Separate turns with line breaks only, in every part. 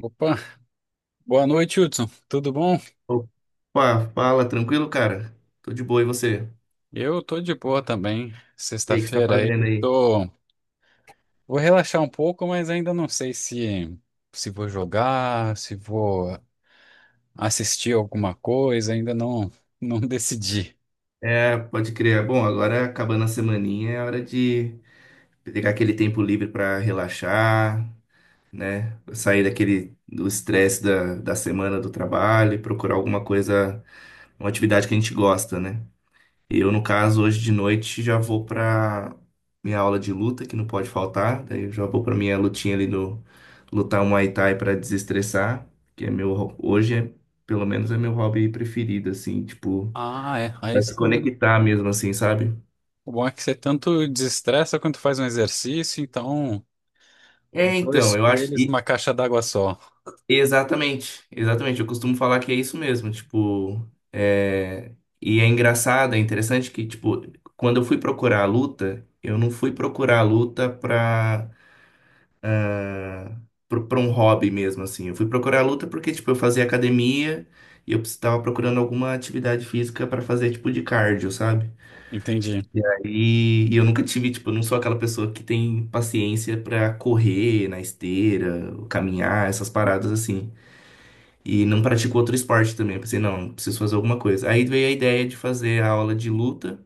Opa, boa noite, Hudson. Tudo bom?
Opa, fala, tranquilo, cara? Tô de boa, e você?
Eu tô de boa também.
E aí, o que você tá
Sexta-feira aí,
fazendo aí?
tô. Vou relaxar um pouco, mas ainda não sei se vou jogar, se vou assistir alguma coisa, ainda não não decidi.
É, pode crer. Bom, agora acabando a semaninha, é hora de pegar aquele tempo livre pra relaxar, né? Sair daquele do estresse da semana do trabalho e procurar alguma coisa, uma atividade que a gente gosta, né? Eu, no caso, hoje de noite já vou pra minha aula de luta, que não pode faltar. Daí eu já vou pra minha lutinha ali do lutar um Muay Thai pra desestressar, que é meu hoje é, pelo menos é meu hobby preferido assim, tipo,
Ah, é. Aí
pra te
sim.
conectar mesmo assim, sabe?
O bom é que você tanto desestressa quanto faz um exercício, então
É,
dois
então, eu acho
coelhos numa caixa d'água só.
exatamente, exatamente. Eu costumo falar que é isso mesmo, tipo, é, e é engraçado, é interessante que tipo, quando eu fui procurar a luta, eu não fui procurar a luta pra um hobby mesmo, assim. Eu fui procurar luta porque, tipo, eu fazia academia e eu estava procurando alguma atividade física para fazer, tipo, de cardio, sabe?
Entendi.
E eu nunca tive, tipo, eu não sou aquela pessoa que tem paciência para correr na esteira, caminhar, essas paradas assim. E não pratico outro esporte também. Eu pensei, não, preciso fazer alguma coisa. Aí veio a ideia de fazer a aula de luta.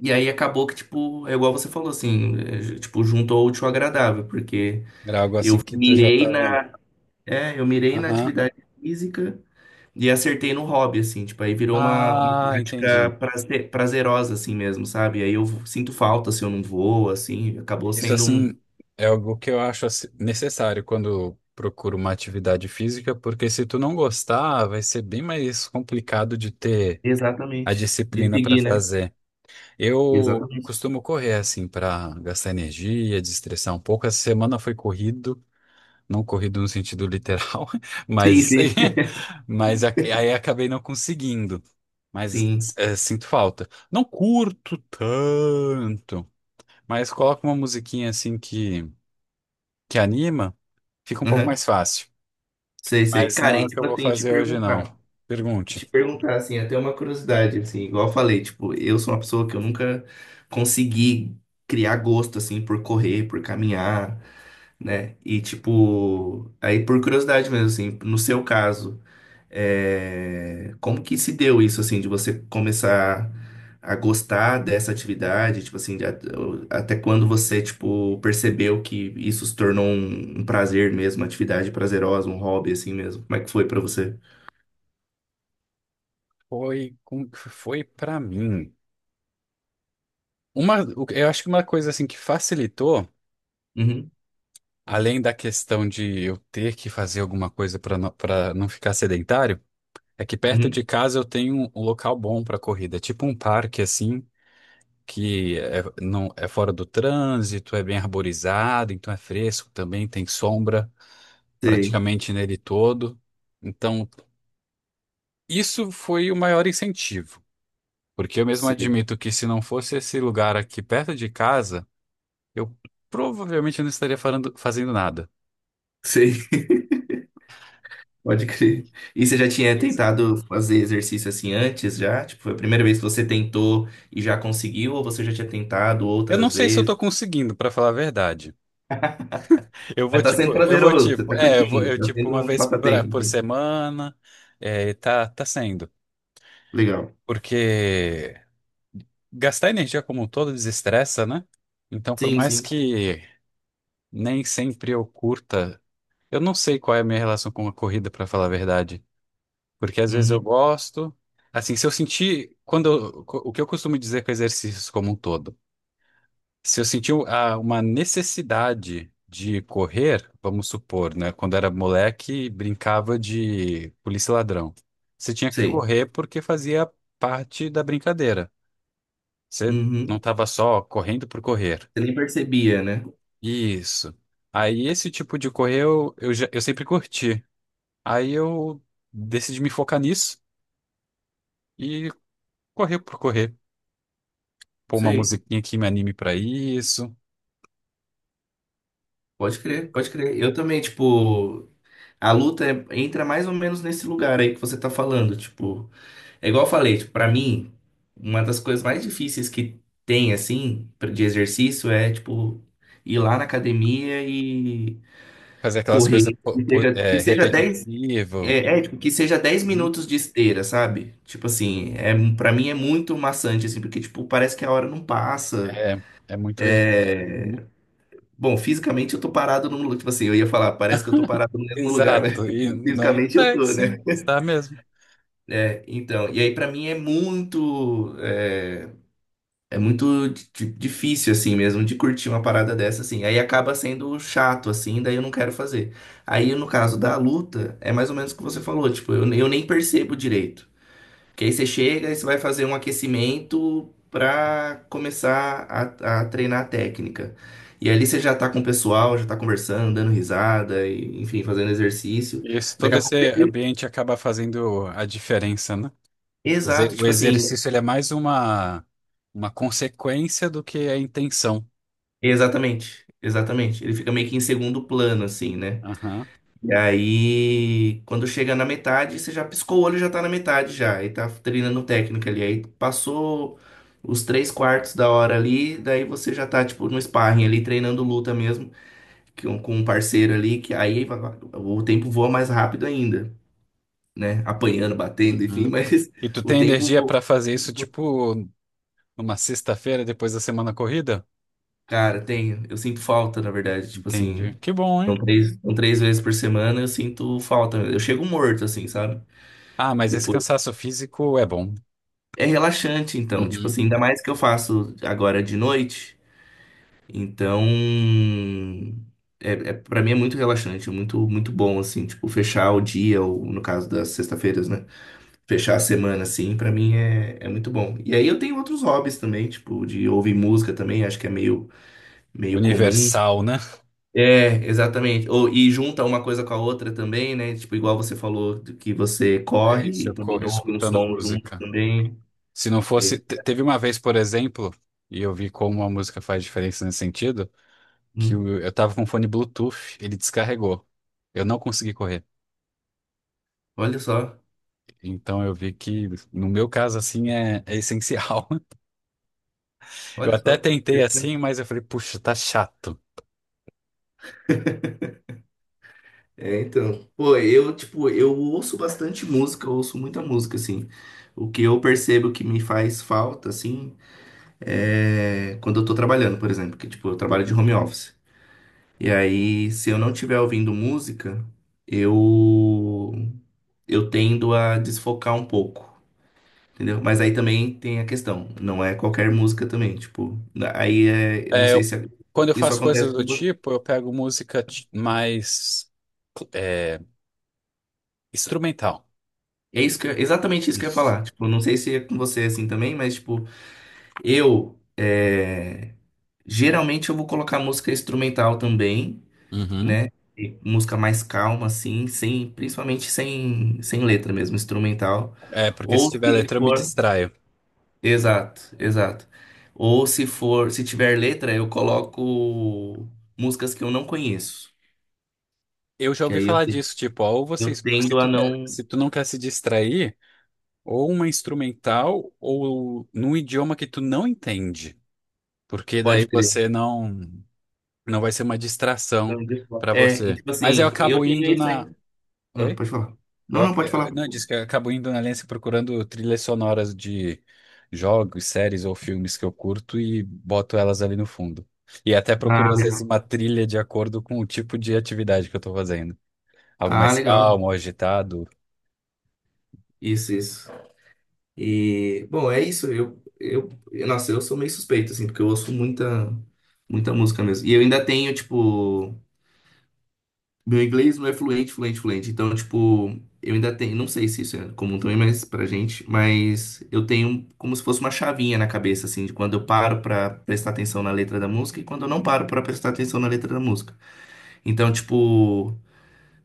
E aí acabou que, tipo, é igual você falou, assim, é, tipo, juntou o útil ao agradável, porque
Era algo
eu
assim que tu já
mirei
tava.
na, é, eu mirei na
Aham.
atividade física e acertei no hobby, assim, tipo, aí virou uma
Ah,
prática
entendi.
prazerosa, assim mesmo, sabe? Aí eu sinto falta se eu não vou, assim, acabou
Isso,
sendo um.
assim, é algo que eu acho assim, necessário quando procuro uma atividade física, porque se tu não gostar, vai ser bem mais complicado de ter a
Exatamente. De
disciplina para
seguir, né?
fazer. Eu
Exatamente.
costumo correr, assim, para gastar energia, desestressar um pouco. Essa semana foi corrido, não corrido no sentido literal,
Sim,
mas,
sim.
mas aí acabei não conseguindo. Mas
Sim.
é, sinto falta. Não curto tanto, mas coloco uma musiquinha assim que anima, fica um pouco
Aham.
mais fácil.
Sei, sei.
Mas não
Cara, e
é o que eu
tipo
vou
assim, te
fazer hoje, não.
perguntar.
Pergunte.
Te perguntar, assim, até uma curiosidade, assim, igual eu falei, tipo, eu sou uma pessoa que eu nunca consegui criar gosto, assim, por correr, por caminhar, né? E tipo, aí por curiosidade mesmo, assim, no seu caso, é, como que se deu isso, assim, de você começar a gostar dessa atividade, tipo assim, até quando você, tipo, percebeu que isso se tornou um prazer mesmo, uma atividade prazerosa, um hobby, assim mesmo? Como é que foi pra você?
Foi para mim. Uma, eu acho que uma coisa assim que facilitou,
Uhum,
além da questão de eu ter que fazer alguma coisa para não ficar sedentário, é que perto
uhum.
de casa eu tenho um local bom para corrida, tipo um parque assim, que é, não é fora do trânsito, é bem arborizado, então é fresco também, tem sombra
Sei,
praticamente nele todo. Então isso foi o maior incentivo, porque eu mesmo
sei,
admito que se não fosse esse lugar aqui perto de casa, eu provavelmente não estaria fazendo nada.
sei. Pode crer. E você já tinha
Isso.
tentado fazer exercício assim antes, já? Tipo, foi a primeira vez que você tentou e já conseguiu, ou você já tinha tentado
Eu
outras
não sei se eu
vezes?
tô conseguindo, pra falar a verdade.
Mas tá sendo
Eu vou
prazeroso, você
tipo,
tá
é, eu vou,
curtindo,
eu
tá
tipo
sendo
uma
um
vez
passatempo
por
assim.
semana, é, tá sendo.
Legal.
Porque gastar energia como um todo desestressa, né? Então, por
Sim,
mais
sim.
que nem sempre eu curta, eu não sei qual é a minha relação com a corrida, pra falar a verdade. Porque às vezes eu
Uhum.
gosto. Assim, se eu sentir. O que eu costumo dizer com exercícios como um todo? Se eu sentir uma necessidade de correr, vamos supor, né? Quando era moleque, brincava de polícia e ladrão. Você tinha que
Sei.
correr porque fazia parte da brincadeira. Você não
Uhum.
estava só correndo por correr.
Você nem percebia, né?
Isso. Aí esse tipo de correr eu sempre curti. Aí eu decidi me focar nisso e correr por correr. Pôr uma
Sei.
musiquinha que me anime pra isso,
Pode crer, pode crer. Eu também, tipo, a luta é- entra mais ou menos nesse lugar aí que você tá falando, tipo. É igual eu falei, tipo, pra mim, uma das coisas mais difíceis que tem, assim, de exercício é, tipo, ir lá na academia e
fazer aquelas
correr.
coisas
Que seja 10
repetitivo.
é, é, tipo, que seja dez
Uhum.
minutos de esteira, sabe? Tipo assim, é, pra mim é muito maçante, assim, porque, tipo, parece que a hora não passa.
É, é muito repetitivo.
É...
Uhum.
Bom, fisicamente eu tô parado num lugar, tipo assim, eu ia falar, parece que eu tô parado no mesmo lugar, mas
Exato, e não
fisicamente eu
é,
tô,
sim,
né?
está mesmo.
É, então, e aí pra mim é muito, é, é muito difícil, assim, mesmo, de curtir uma parada dessa, assim. Aí acaba sendo chato, assim, daí eu não quero fazer. Aí, no caso da luta, é mais ou menos o que você falou, tipo, eu nem percebo direito. Porque aí você chega e você vai fazer um aquecimento pra começar a treinar a técnica. E ali você já tá com o pessoal, já tá conversando, dando risada, e, enfim, fazendo exercício.
Isso,
Daqui
todo
a
esse
pouco...
ambiente acaba fazendo a diferença, né? Quer dizer,
Exato,
o
tipo assim,
exercício ele é mais uma consequência do que a intenção.
exatamente, exatamente. Ele fica meio que em segundo plano, assim, né?
Aham.
E aí, quando chega na metade, você já piscou o olho, e já tá na metade já. E tá treinando técnica ali. Aí passou os três quartos da hora ali, daí você já tá, tipo, no sparring ali, treinando luta mesmo, que- um, com um parceiro ali, que aí vai- o tempo voa mais rápido ainda, né? Apanhando, batendo, enfim,
Uhum.
mas
E tu
o
tem
tempo
energia
voa.
para fazer isso, tipo, numa sexta-feira depois da semana corrida?
Cara, tenho. Eu sinto falta, na verdade. Tipo
Entendi.
assim,
Que bom, hein?
são 3 vezes por semana, eu sinto falta. Eu chego morto, assim, sabe?
Ah, mas esse
Depois.
cansaço físico é bom.
É relaxante, então. Tipo
Uhum.
assim, ainda mais que eu faço agora de noite. Então, é, para mim é muito relaxante, é muito, muito bom, assim, tipo, fechar o dia, ou no caso das sextas-feiras, né? Fechar a semana, assim, pra mim é muito bom. E aí eu tenho outros hobbies também, tipo, de ouvir música também, acho que é meio, meio comum.
Universal, né?
É, exatamente. Ou, e junta uma coisa com a outra também, né? Tipo, igual você falou do que você
É
corre
isso,
e
eu
também
corro
ouve um
escutando
som junto
música.
também.
Se não fosse.
É,
Te- Teve uma vez, por exemplo, e eu vi como a música faz diferença nesse sentido,
hum,
eu tava com fone Bluetooth, ele descarregou. Eu não consegui correr.
olha só.
Então eu vi que, no meu caso, assim, é, é essencial. Eu
Olha
até
só,
tentei assim,
interessante.
mas eu falei, puxa, tá chato.
É, então, pô, eu, tipo, eu ouço bastante música, eu ouço muita música, assim. O que eu percebo que me faz falta, assim, é quando eu tô trabalhando, por exemplo, que, tipo, eu trabalho de home office. E aí, se eu não estiver ouvindo música, eu, eu tendo a desfocar um pouco. Entendeu? Mas aí também tem a questão, não é qualquer música também, tipo, aí é, eu não
É,
sei
eu-
se é,
quando eu
isso
faço coisas
acontece com
do tipo, eu pego música é, instrumental.
é isso que exatamente isso que eu ia
Isso.
falar. Tipo, não sei se é com você assim também, mas tipo, eu é, geralmente eu vou colocar música instrumental também,
Uhum.
né? E música mais calma assim, sem principalmente sem letra mesmo, instrumental.
É, porque se
Ou
tiver
se
letra eu me
for,
distraio.
exato, exato. Ou se for, se tiver letra, eu coloco músicas que eu não conheço,
Eu já
que
ouvi
aí
falar disso, tipo, ó,
eu
se
tendo a
tu
não
se tu não quer se distrair, ou uma instrumental, ou num idioma que tu não entende, porque daí
pode crer.
você não, não vai ser uma distração
Então, desculpa.
pra
É, e
você.
tipo
Mas eu
assim, eu
acabo
tenho
indo
isso,
na...
né? Ah,
Oi?
pode falar. Não, não, pode falar.
Não, eu disse que eu acabo indo na Aliança procurando trilhas sonoras de jogos, séries ou filmes que eu curto e boto elas ali no fundo. E até procuro,
Ah,
às vezes,
legal.
uma trilha de acordo com o tipo de atividade que eu estou fazendo. Algo
Ah,
mais
legal.
calmo, ou agitado.
Isso, isso. E, bom, é isso. Nossa, eu sou meio suspeito, assim, porque eu ouço muita, muita música mesmo. E eu ainda tenho, tipo, meu inglês não é fluente, fluente, fluente. Então, tipo, eu ainda tenho, não sei se isso é comum também, mas pra gente, mas eu tenho como se fosse uma chavinha na cabeça, assim, de quando eu paro pra prestar atenção na letra da música e quando eu não paro pra prestar atenção na letra da música. Então, tipo,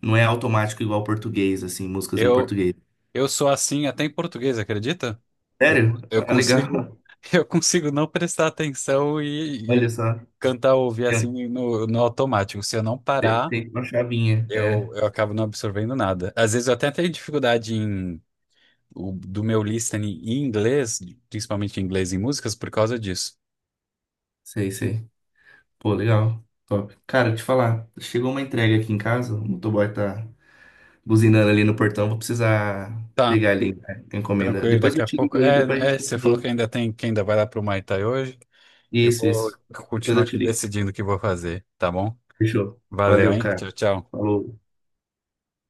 não é automático igual português, assim, músicas em
Eu,
português.
eu sou assim até em português, acredita? Eu,
Sério?
eu
Ah,
consigo,
legal.
eu consigo não prestar atenção
Olha
e
só.
cantar ou ouvir
Tem,
assim no automático. Se eu não
um,
parar.
tem uma chavinha. É,
Eu acabo não absorvendo nada. Às vezes eu até tenho dificuldade em, do meu listening em inglês, principalmente em inglês e músicas, por causa disso.
sei, sei. Pô, legal. Top. Cara, te falar, chegou uma entrega aqui em casa, o motoboy tá buzinando ali no portão, vou precisar
Tá,
pegar ali né, a encomenda.
tranquilo,
Depois
daqui
eu
a
te
pouco.
ligo aí, depois a gente
Você falou que
continua.
ainda tem, que ainda vai lá pro Muay Thai hoje. Eu
Isso,
vou
isso. Depois
continuar
eu te
aqui
ligo.
decidindo o que vou fazer, tá bom?
Fechou.
Valeu,
Valeu,
hein?
cara.
Tchau, tchau.
Falou.